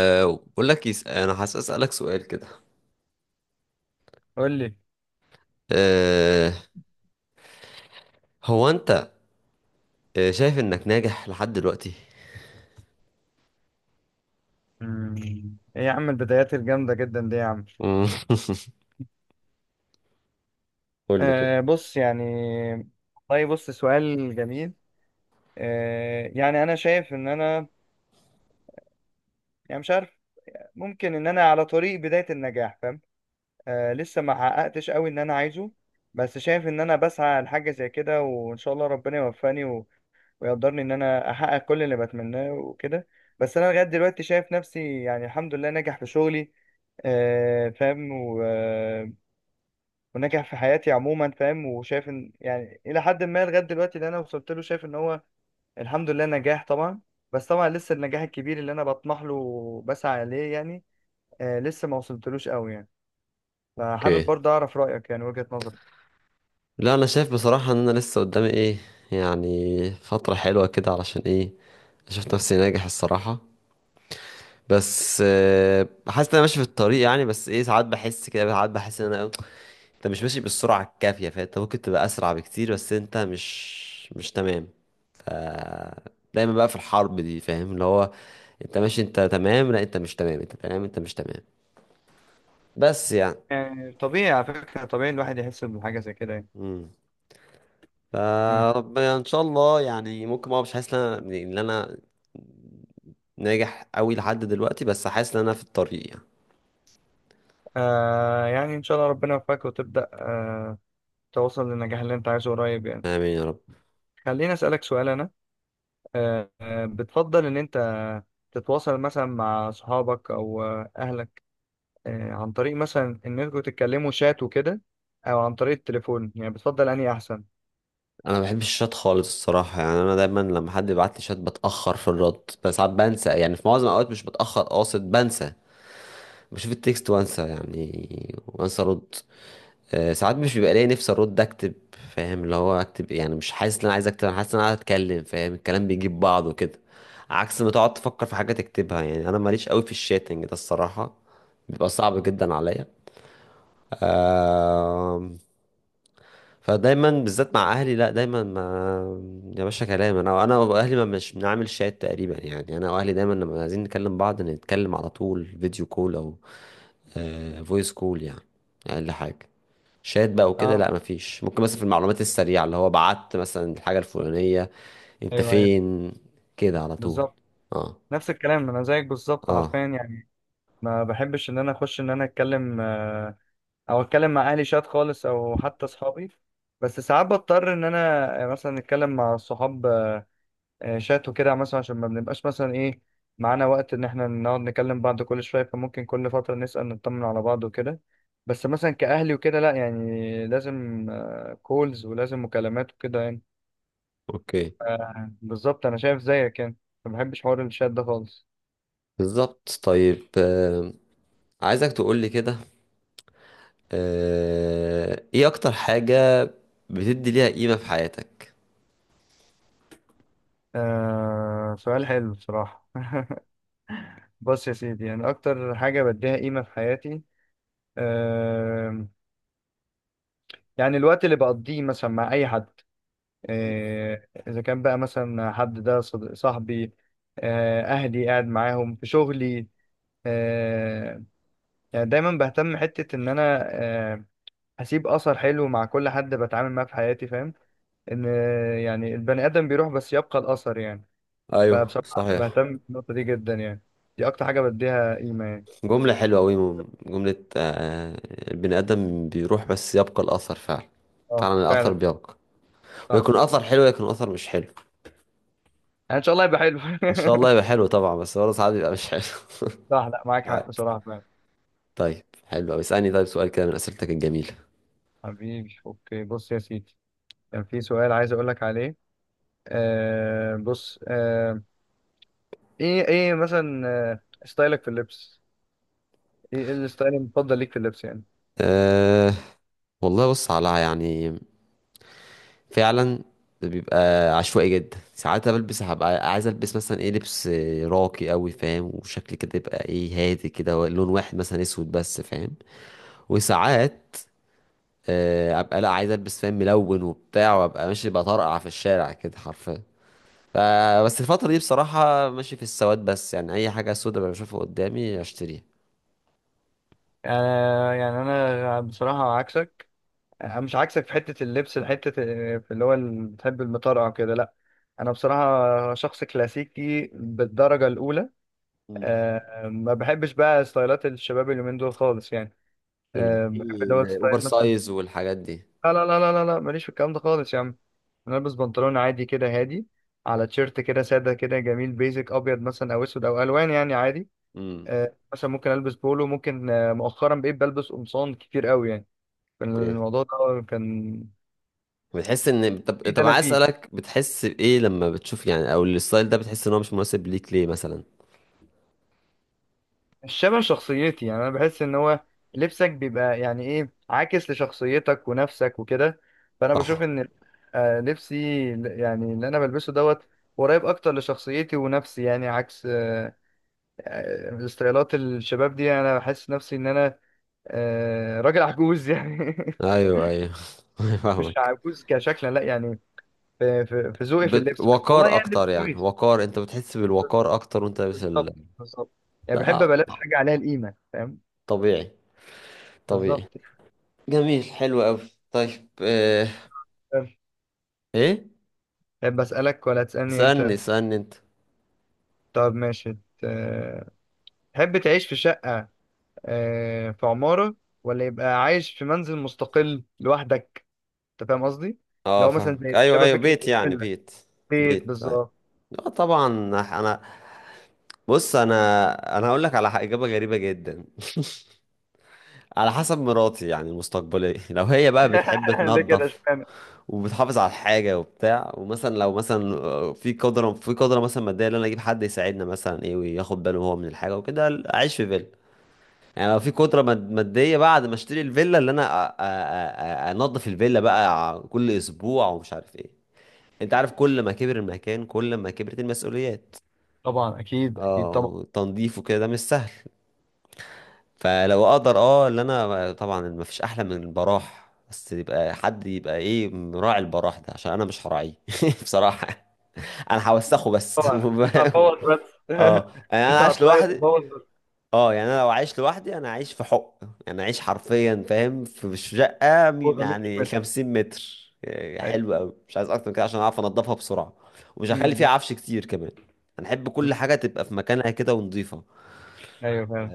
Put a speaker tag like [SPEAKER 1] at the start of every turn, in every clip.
[SPEAKER 1] أو بقول لك، انا حاسس اسالك سؤال كده.
[SPEAKER 2] قول لي.
[SPEAKER 1] أه... هو انت، شايف انك ناجح لحد دلوقتي؟
[SPEAKER 2] مم. ايه يا عم، البدايات الجامدة جدا دي يا عم؟
[SPEAKER 1] مم. قول لي كده.
[SPEAKER 2] بص يعني، والله بص سؤال جميل. يعني انا شايف ان انا، يعني مش عارف، ممكن ان انا على طريق بداية النجاح، فاهم. لسه ما حققتش قوي ان انا عايزه، بس شايف ان انا بسعى لحاجة زي كده، وان شاء الله ربنا يوفقني ويقدرني ان انا احقق كل اللي بتمناه وكده. بس انا لغاية دلوقتي شايف نفسي يعني الحمد لله ناجح في شغلي، فاهم، وناجح في حياتي عموما، فاهم، وشايف ان يعني الى حد ما لغايه دلوقتي اللي انا وصلت له شايف ان هو الحمد لله نجاح طبعا. بس طبعا لسه النجاح الكبير اللي انا بطمح له وبسعى اليه يعني، لسه ما وصلتلوش قوي يعني، فحابب
[SPEAKER 1] اوكي.
[SPEAKER 2] برضه اعرف رايك يعني وجهه نظرك.
[SPEAKER 1] لا، انا شايف بصراحه ان انا لسه قدامي ايه، يعني فتره حلوه كده. علشان ايه؟ شفت نفسي ناجح الصراحه. بس حاسس ان انا ماشي في الطريق يعني، بس ايه، ساعات بحس كده، ساعات بحس ان انا إيه، انت مش ماشي بالسرعة الكافية، فانت ممكن تبقى اسرع بكتير، بس انت مش تمام. ف دايما بقى في الحرب دي، فاهم؟ اللي هو انت ماشي، انت تمام، لا انت مش تمام، انت تمام، انت مش تمام. بس يعني.
[SPEAKER 2] يعني طبيعي على فكره، طبيعي الواحد يحس بحاجه زي كده يعني.
[SPEAKER 1] امم
[SPEAKER 2] مم.
[SPEAKER 1] فربنا ان شاء الله يعني، ممكن، ما مش حاسس ان انا ناجح قوي لحد دلوقتي، بس حاسس ان انا في الطريق يعني.
[SPEAKER 2] يعني ان شاء الله ربنا يوفقك وتبدا توصل للنجاح اللي انت عايزه قريب يعني.
[SPEAKER 1] امين يا رب.
[SPEAKER 2] خليني اسالك سؤال انا. بتفضل ان انت تتواصل مثلا مع صحابك او اهلك، عن طريق مثلا ان انتوا تتكلموا شات وكده، او عن طريق التليفون؟ يعني بتفضل انهي احسن؟
[SPEAKER 1] انا ما بحبش الشات خالص الصراحه. يعني انا دايما لما حد يبعت لي شات بتاخر في الرد، بس ساعات بنسى، يعني في معظم الاوقات مش بتاخر قاصد، بنسى. بشوف التكست وانسى، يعني وانسى ارد. ساعات مش بيبقى ليا نفسي ارد اكتب. فاهم؟ اللي هو اكتب يعني، مش حاسس ان انا عايز اكتب، انا حاسس ان انا عايز اتكلم. فاهم؟ الكلام بيجيب بعضه كده، عكس ما تقعد تفكر في حاجه تكتبها. يعني انا ماليش قوي في الشاتنج ده الصراحه، بيبقى صعب جدا عليا. آم، فدايما، بالذات مع اهلي، لا دايما، ما يا باشا كلام، انا واهلي ما مش بنعمل شات تقريبا يعني. انا واهلي دايما لما عايزين نكلم بعض نتكلم على طول فيديو كول او فويس كول، يعني اقل حاجه. شات بقى وكده
[SPEAKER 2] اه.
[SPEAKER 1] لا، مفيش. ممكن مثلا في المعلومات السريعه، اللي هو بعت مثلا الحاجه الفلانيه، انت
[SPEAKER 2] ايوه ايوه.
[SPEAKER 1] فين، كده على طول.
[SPEAKER 2] بالظبط.
[SPEAKER 1] اه،
[SPEAKER 2] نفس الكلام انا زيك بالظبط حرفيا
[SPEAKER 1] اه،
[SPEAKER 2] يعني. ما بحبش ان انا اخش ان انا اتكلم، او اتكلم مع اهلي شات خالص او حتى اصحابي. بس ساعات بضطر ان انا مثلا اتكلم مع الصحاب شات وكده، مثلا عشان ما بنبقاش مثلا ايه معانا وقت ان احنا نقعد نكلم بعض كل شويه، فممكن كل فتره نسال نطمن على بعض وكده. بس مثلا كاهلي وكده لا، يعني لازم كولز ولازم مكالمات وكده يعني.
[SPEAKER 1] اوكي،
[SPEAKER 2] بالظبط انا شايف زيك يعني، ما بحبش حوار الشات ده خالص.
[SPEAKER 1] بالظبط. طيب، عايزك تقولي كده. ايه اكتر حاجه بتدي ليها قيمه في حياتك؟
[SPEAKER 2] سؤال حلو بصراحه. بص يا سيدي، يعني اكتر حاجه بديها قيمه في حياتي، آه يعني الوقت اللي بقضيه مثلا مع اي حد، إذا كان بقى مثلا حد ده صاحبي، أهلي، قاعد معاهم في شغلي، آه، يعني دايما بهتم حتة إن أنا آه، أسيب أثر حلو مع كل حد بتعامل معاه في حياتي، فاهم، إن يعني البني آدم بيروح بس يبقى الأثر يعني.
[SPEAKER 1] ايوه
[SPEAKER 2] فبصراحة
[SPEAKER 1] صحيح.
[SPEAKER 2] بهتم بالنقطة دي جدا يعني، دي أكتر حاجة بديها قيمة يعني.
[SPEAKER 1] جمله حلوه قوي، جمله. البني ادم بيروح بس يبقى الاثر، فعلا.
[SPEAKER 2] أه
[SPEAKER 1] فعلا الاثر
[SPEAKER 2] فعلا.
[SPEAKER 1] بيبقى،
[SPEAKER 2] صح.
[SPEAKER 1] ويكون اثر حلو، يكون اثر مش حلو.
[SPEAKER 2] يعني إن شاء الله يبقى حلو.
[SPEAKER 1] ان شاء الله يبقى حلو طبعا، بس برضه ساعات بيبقى مش حلو.
[SPEAKER 2] صح، لا معاك
[SPEAKER 1] عادي.
[SPEAKER 2] حق بصراحة فعلا.
[SPEAKER 1] طيب حلو قوي. اسالني طيب سؤال كده من اسئلتك الجميله.
[SPEAKER 2] حبيبي أوكي، بص يا سيدي، كان في سؤال عايز أقولك عليه، بص ايه ايه مثلا، ستايلك في اللبس، ايه إيه الستايل المفضل ليك في اللبس يعني؟
[SPEAKER 1] أه والله بص، على يعني، فعلا بيبقى عشوائي جدا. ساعات بلبس هبقى عايز البس مثلا ايه، لبس راقي قوي، فاهم؟ وشكل كده يبقى ايه، هادي كده، لون واحد مثلا اسود بس، فاهم. وساعات ابقى لا، عايز البس، فاهم، ملون وبتاع، وابقى ماشي بطرقع في الشارع كده حرفيا. ف- بس الفترة دي بصراحة ماشي في السواد بس، يعني أي حاجة سودة بشوفها قدامي أشتريها.
[SPEAKER 2] يعني انا بصراحه عكسك، انا مش عكسك في حتة اللبس، حتة في اللي هو بتحب المطرقع كده لا، انا بصراحة شخص كلاسيكي بالدرجة الاولى.
[SPEAKER 1] امم
[SPEAKER 2] ما بحبش بقى ستايلات الشباب اليومين دول خالص يعني،
[SPEAKER 1] الباقي
[SPEAKER 2] بحب دوت
[SPEAKER 1] الأوفر
[SPEAKER 2] ستايل مثلا.
[SPEAKER 1] سايز والحاجات دي.
[SPEAKER 2] لا لا لا لا لا لا، ماليش في الكلام ده خالص يا عم. انا البس بنطلون عادي كده هادي على تيشيرت كده ساده كده جميل، بيزك ابيض مثلا او اسود او الوان يعني عادي.
[SPEAKER 1] امم
[SPEAKER 2] مثلا ممكن البس بولو، ممكن مؤخرا بقيت بلبس قمصان كتير قوي يعني، كان
[SPEAKER 1] اوكي.
[SPEAKER 2] الموضوع ده كان
[SPEAKER 1] بتحس ان طب
[SPEAKER 2] في ده
[SPEAKER 1] طب
[SPEAKER 2] انا
[SPEAKER 1] عايز
[SPEAKER 2] فيه
[SPEAKER 1] اسالك، بتحس بايه لما بتشوف، يعني او الستايل ده بتحس ان هو مش مناسب ليك ليه مثلا؟
[SPEAKER 2] الشبه شخصيتي يعني. انا بحس ان هو لبسك بيبقى يعني ايه عاكس لشخصيتك ونفسك وكده، فانا بشوف
[SPEAKER 1] صح.
[SPEAKER 2] ان لبسي يعني اللي انا بلبسه دوت قريب اكتر لشخصيتي ونفسي يعني، عكس ستايلات الشباب دي، انا بحس نفسي ان انا راجل عجوز يعني.
[SPEAKER 1] ايوه، ايوه.
[SPEAKER 2] مش
[SPEAKER 1] فاهمك.
[SPEAKER 2] عجوز كشكلا لا يعني، في في ذوقي في اللبس بس والله،
[SPEAKER 1] وقار
[SPEAKER 2] يعني لبس
[SPEAKER 1] اكتر، يعني
[SPEAKER 2] كويس.
[SPEAKER 1] وقار. انت بتحس بالوقار اكتر وانت لابس
[SPEAKER 2] بالظبط بالظبط، يعني بحب
[SPEAKER 1] لا،
[SPEAKER 2] ابقى لابس حاجه عليها القيمه، فاهم.
[SPEAKER 1] طبيعي، طبيعي.
[SPEAKER 2] بالظبط.
[SPEAKER 1] جميل، حلو قوي. طيب،
[SPEAKER 2] طيب،
[SPEAKER 1] ايه؟
[SPEAKER 2] بسالك ولا تسالني
[SPEAKER 1] اسالني،
[SPEAKER 2] انت؟
[SPEAKER 1] اسالني انت.
[SPEAKER 2] طب ماشي. آه، تحب تعيش في شقه في عماره، ولا يبقى عايش في منزل مستقل لوحدك؟ انت فاهم قصدي،
[SPEAKER 1] اه،
[SPEAKER 2] لو مثلا
[SPEAKER 1] فاهمك، ايوه،
[SPEAKER 2] شبه
[SPEAKER 1] ايوه،
[SPEAKER 2] فكره
[SPEAKER 1] بيت، يعني
[SPEAKER 2] الفيلا،
[SPEAKER 1] بيت،
[SPEAKER 2] بيت
[SPEAKER 1] بيت أيوة.
[SPEAKER 2] بالظبط.
[SPEAKER 1] اه طبعا. انا، بص، انا هقول لك على اجابه غريبه جدا، على حسب مراتي يعني، المستقبليه. لو هي بقى بتحب
[SPEAKER 2] ليه كده؟
[SPEAKER 1] تنظف، وبتحافظ على الحاجه وبتاع، ومثلا لو مثلا، في قدره مثلا ماديه، ان انا اجيب حد يساعدنا مثلا ايه، وياخد باله هو من الحاجه وكده، اعيش في فيلا. يعني لو في قدره ماديه، بعد ما اشتري الفيلا اللي انا، انضف الفيلا بقى كل اسبوع ومش عارف ايه. انت عارف، كل ما كبر المكان كل ما كبرت المسؤوليات.
[SPEAKER 2] طبعا اكيد اكيد
[SPEAKER 1] اه،
[SPEAKER 2] طبعا.
[SPEAKER 1] وتنظيفه كده، ده مش سهل. فلو اقدر، اللي انا طبعا، ما فيش احلى من البراح، بس يبقى حد يبقى ايه، مراعي البراح ده، عشان انا مش هراعيه. بصراحة انا هوسخه بس.
[SPEAKER 2] انت هتبوظ بس،
[SPEAKER 1] اه يعني انا
[SPEAKER 2] انت
[SPEAKER 1] عايش
[SPEAKER 2] هتلاقي
[SPEAKER 1] لوحدي.
[SPEAKER 2] تبوظ بس.
[SPEAKER 1] اه يعني انا لو عايش لوحدي، انا عايش في حق، يعني عايش حرفيا، فاهم، في شقه
[SPEAKER 2] جوزها مش
[SPEAKER 1] يعني
[SPEAKER 2] متر.
[SPEAKER 1] 50 متر. يعني
[SPEAKER 2] ايوه.
[SPEAKER 1] حلو قوي، مش عايز اكتر من كده عشان اعرف انضفها بسرعه. ومش
[SPEAKER 2] م-
[SPEAKER 1] هخلي فيها
[SPEAKER 2] م-
[SPEAKER 1] عفش كتير كمان. انا احب
[SPEAKER 2] م.
[SPEAKER 1] كل حاجه تبقى في مكانها كده، ونضيفه.
[SPEAKER 2] ايوه فعلا.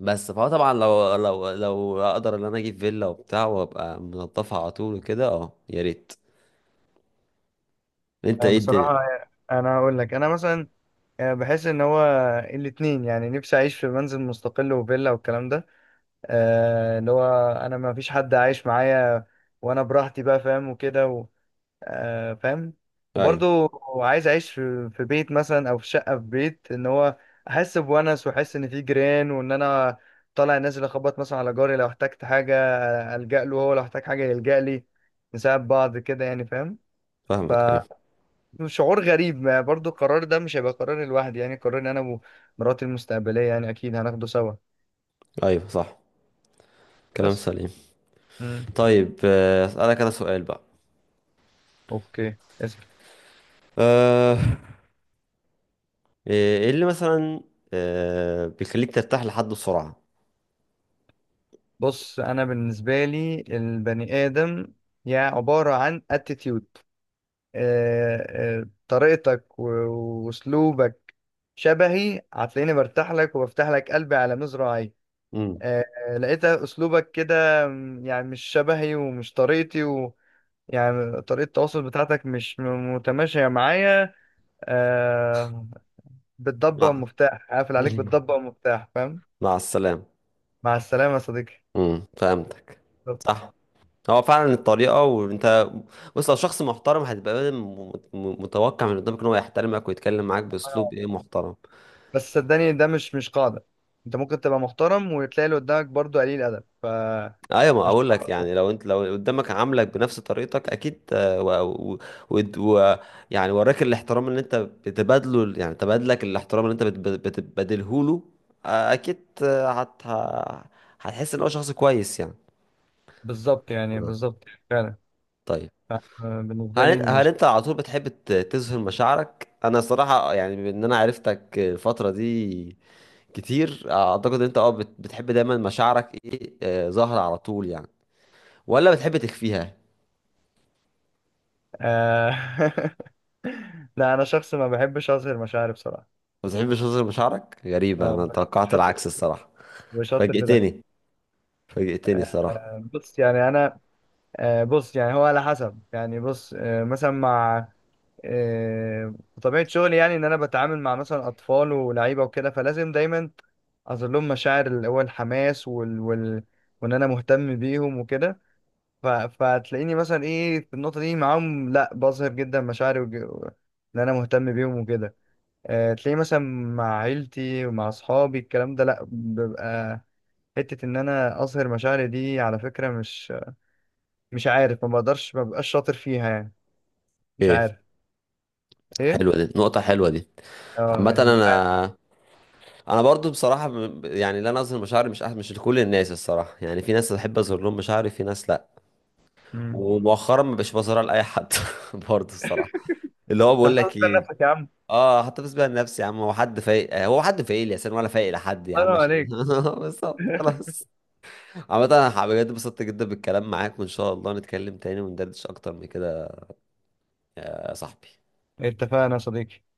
[SPEAKER 1] بس فهو طبعا، لو اقدر ان انا اجيب فيلا وبتاع وابقى منضفها على طول وكده، اه يا ريت. انت ايه الدنيا؟
[SPEAKER 2] بصراحه انا هقول لك، انا مثلا بحس ان هو الاتنين يعني، نفسي اعيش في منزل مستقل وفيلا والكلام ده، اللي هو انا ما فيش حد عايش معايا وانا براحتي بقى، فاهم وكده، فاهم.
[SPEAKER 1] ايوه،
[SPEAKER 2] وبرضو عايز اعيش في بيت مثلا او في شقه، في بيت ان هو احس بونس واحس ان في جيران وان انا طالع نازل اخبط مثلا على جاري لو احتجت حاجه، الجا له هو لو احتاج حاجه يلجا لي، نساعد بعض كده يعني، فاهم.
[SPEAKER 1] فاهمك، ايوه،
[SPEAKER 2] فشعور غريب، ما برضو القرار ده مش هيبقى قراري لوحدي، يعني قراري انا ومراتي المستقبليه، يعني اكيد هناخده سوا.
[SPEAKER 1] ايوه، صح، كلام
[SPEAKER 2] بس،
[SPEAKER 1] سليم.
[SPEAKER 2] امم.
[SPEAKER 1] طيب، اسالك انا سؤال بقى.
[SPEAKER 2] اوكي اسف.
[SPEAKER 1] آه، إيه اللي مثلا بيخليك ترتاح لحد بسرعة؟
[SPEAKER 2] بص انا بالنسبه لي البني ادم يعني عباره عن attitude، طريقتك واسلوبك شبهي، هتلاقيني برتاح لك وبفتح لك قلبي على مزرعي.
[SPEAKER 1] امم
[SPEAKER 2] لقيت اسلوبك كده يعني مش شبهي ومش طريقتي و، يعني طريقة التواصل بتاعتك مش متماشية معايا، آه بالضبة
[SPEAKER 1] مع
[SPEAKER 2] والمفتاح، هقفل عليك بالضبة والمفتاح، فاهم.
[SPEAKER 1] مع السلامة.
[SPEAKER 2] مع السلامة يا صديقي.
[SPEAKER 1] فهمتك.
[SPEAKER 2] بالظبط.
[SPEAKER 1] صح. هو فعلا الطريقة. وانت بص، لو شخص محترم، هتبقى متوقع من قدامك ان هو يحترمك ويتكلم معاك باسلوب ايه، محترم.
[SPEAKER 2] بس صدقني ده مش قاعدة، انت ممكن تبقى محترم وتلاقي اللي قدامك برضه قليل أدب، فمش.
[SPEAKER 1] ايوه، ما اقول لك يعني، لو قدامك عاملك بنفس طريقتك اكيد، و... ود- و... يعني وراك الاحترام اللي انت بتبادله، يعني تبادلك الاحترام اللي انت بتبادله له. اكيد، هتحس ان هو شخص كويس يعني
[SPEAKER 2] بالظبط، يعني
[SPEAKER 1] آه.
[SPEAKER 2] بالظبط. فعلا.
[SPEAKER 1] طيب،
[SPEAKER 2] ف- آه، بالنسبة
[SPEAKER 1] هل
[SPEAKER 2] لي
[SPEAKER 1] انت
[SPEAKER 2] إن
[SPEAKER 1] هل انت على طول بتحب تظهر مشاعرك؟ انا صراحة يعني، بما ان انا عرفتك الفترة دي كتير، اعتقد انت بتحب دايما مشاعرك ايه، ظاهرة على طول يعني، ولا بتحب تخفيها؟
[SPEAKER 2] آه لا أنا شخص ما بحبش أظهر مشاعري بصراحة.
[SPEAKER 1] ما بتحبش وزن بشعرك؟ غريبة، أنا
[SPEAKER 2] اه،
[SPEAKER 1] توقعت
[SPEAKER 2] شاطر،
[SPEAKER 1] العكس الصراحة.
[SPEAKER 2] وشاطر في ده.
[SPEAKER 1] فاجئتني، فاجئتني الصراحة.
[SPEAKER 2] بص يعني أنا بص يعني هو على حسب، يعني بص مثلا مع آه، طبيعة شغلي، يعني إن أنا بتعامل مع مثلا أطفال ولاعيبة وكده، فلازم دايما أظهر لهم مشاعر اللي هو الحماس وإن أنا مهتم بيهم وكده، فتلاقيني مثلا ايه في النقطه دي معاهم، لا بظهر جدا مشاعري ان انا مهتم بيهم وكده. تلاقيني مثلا مع عيلتي ومع اصحابي الكلام ده لا، ببقى حته ان انا اظهر مشاعري دي على فكره مش، مش عارف، ما بقدرش، ما ببقاش شاطر فيها يعني، مش
[SPEAKER 1] إيه،
[SPEAKER 2] عارف. ايه.
[SPEAKER 1] حلوة دي، نقطة حلوة دي.
[SPEAKER 2] اه
[SPEAKER 1] عامة
[SPEAKER 2] يعني مش عارف.
[SPEAKER 1] أنا برضو بصراحة، يعني لا، أنا أظهر مشاعري مش لكل الناس الصراحة، يعني في ناس بحب أظهر لهم مشاعري، في ناس لأ.
[SPEAKER 2] امم.
[SPEAKER 1] ومؤخرا ما بقتش بظهرها لأي حد. برضو الصراحة. اللي هو بقول
[SPEAKER 2] تحتفظ
[SPEAKER 1] لك إيه،
[SPEAKER 2] بنفسك يا عم.
[SPEAKER 1] اه حتى بس بقى لنفسي يا عم. هو حد فايق لي يا سن، ولا فايق لحد، يا عم
[SPEAKER 2] حرام
[SPEAKER 1] عشان
[SPEAKER 2] عليك.
[SPEAKER 1] بالظبط، خلاص. عامة انا بجد اتبسطت جدا بالكلام معاك، وان شاء الله نتكلم تاني وندردش اكتر من كده يا صاحبي.
[SPEAKER 2] اتفقنا يا صديقي.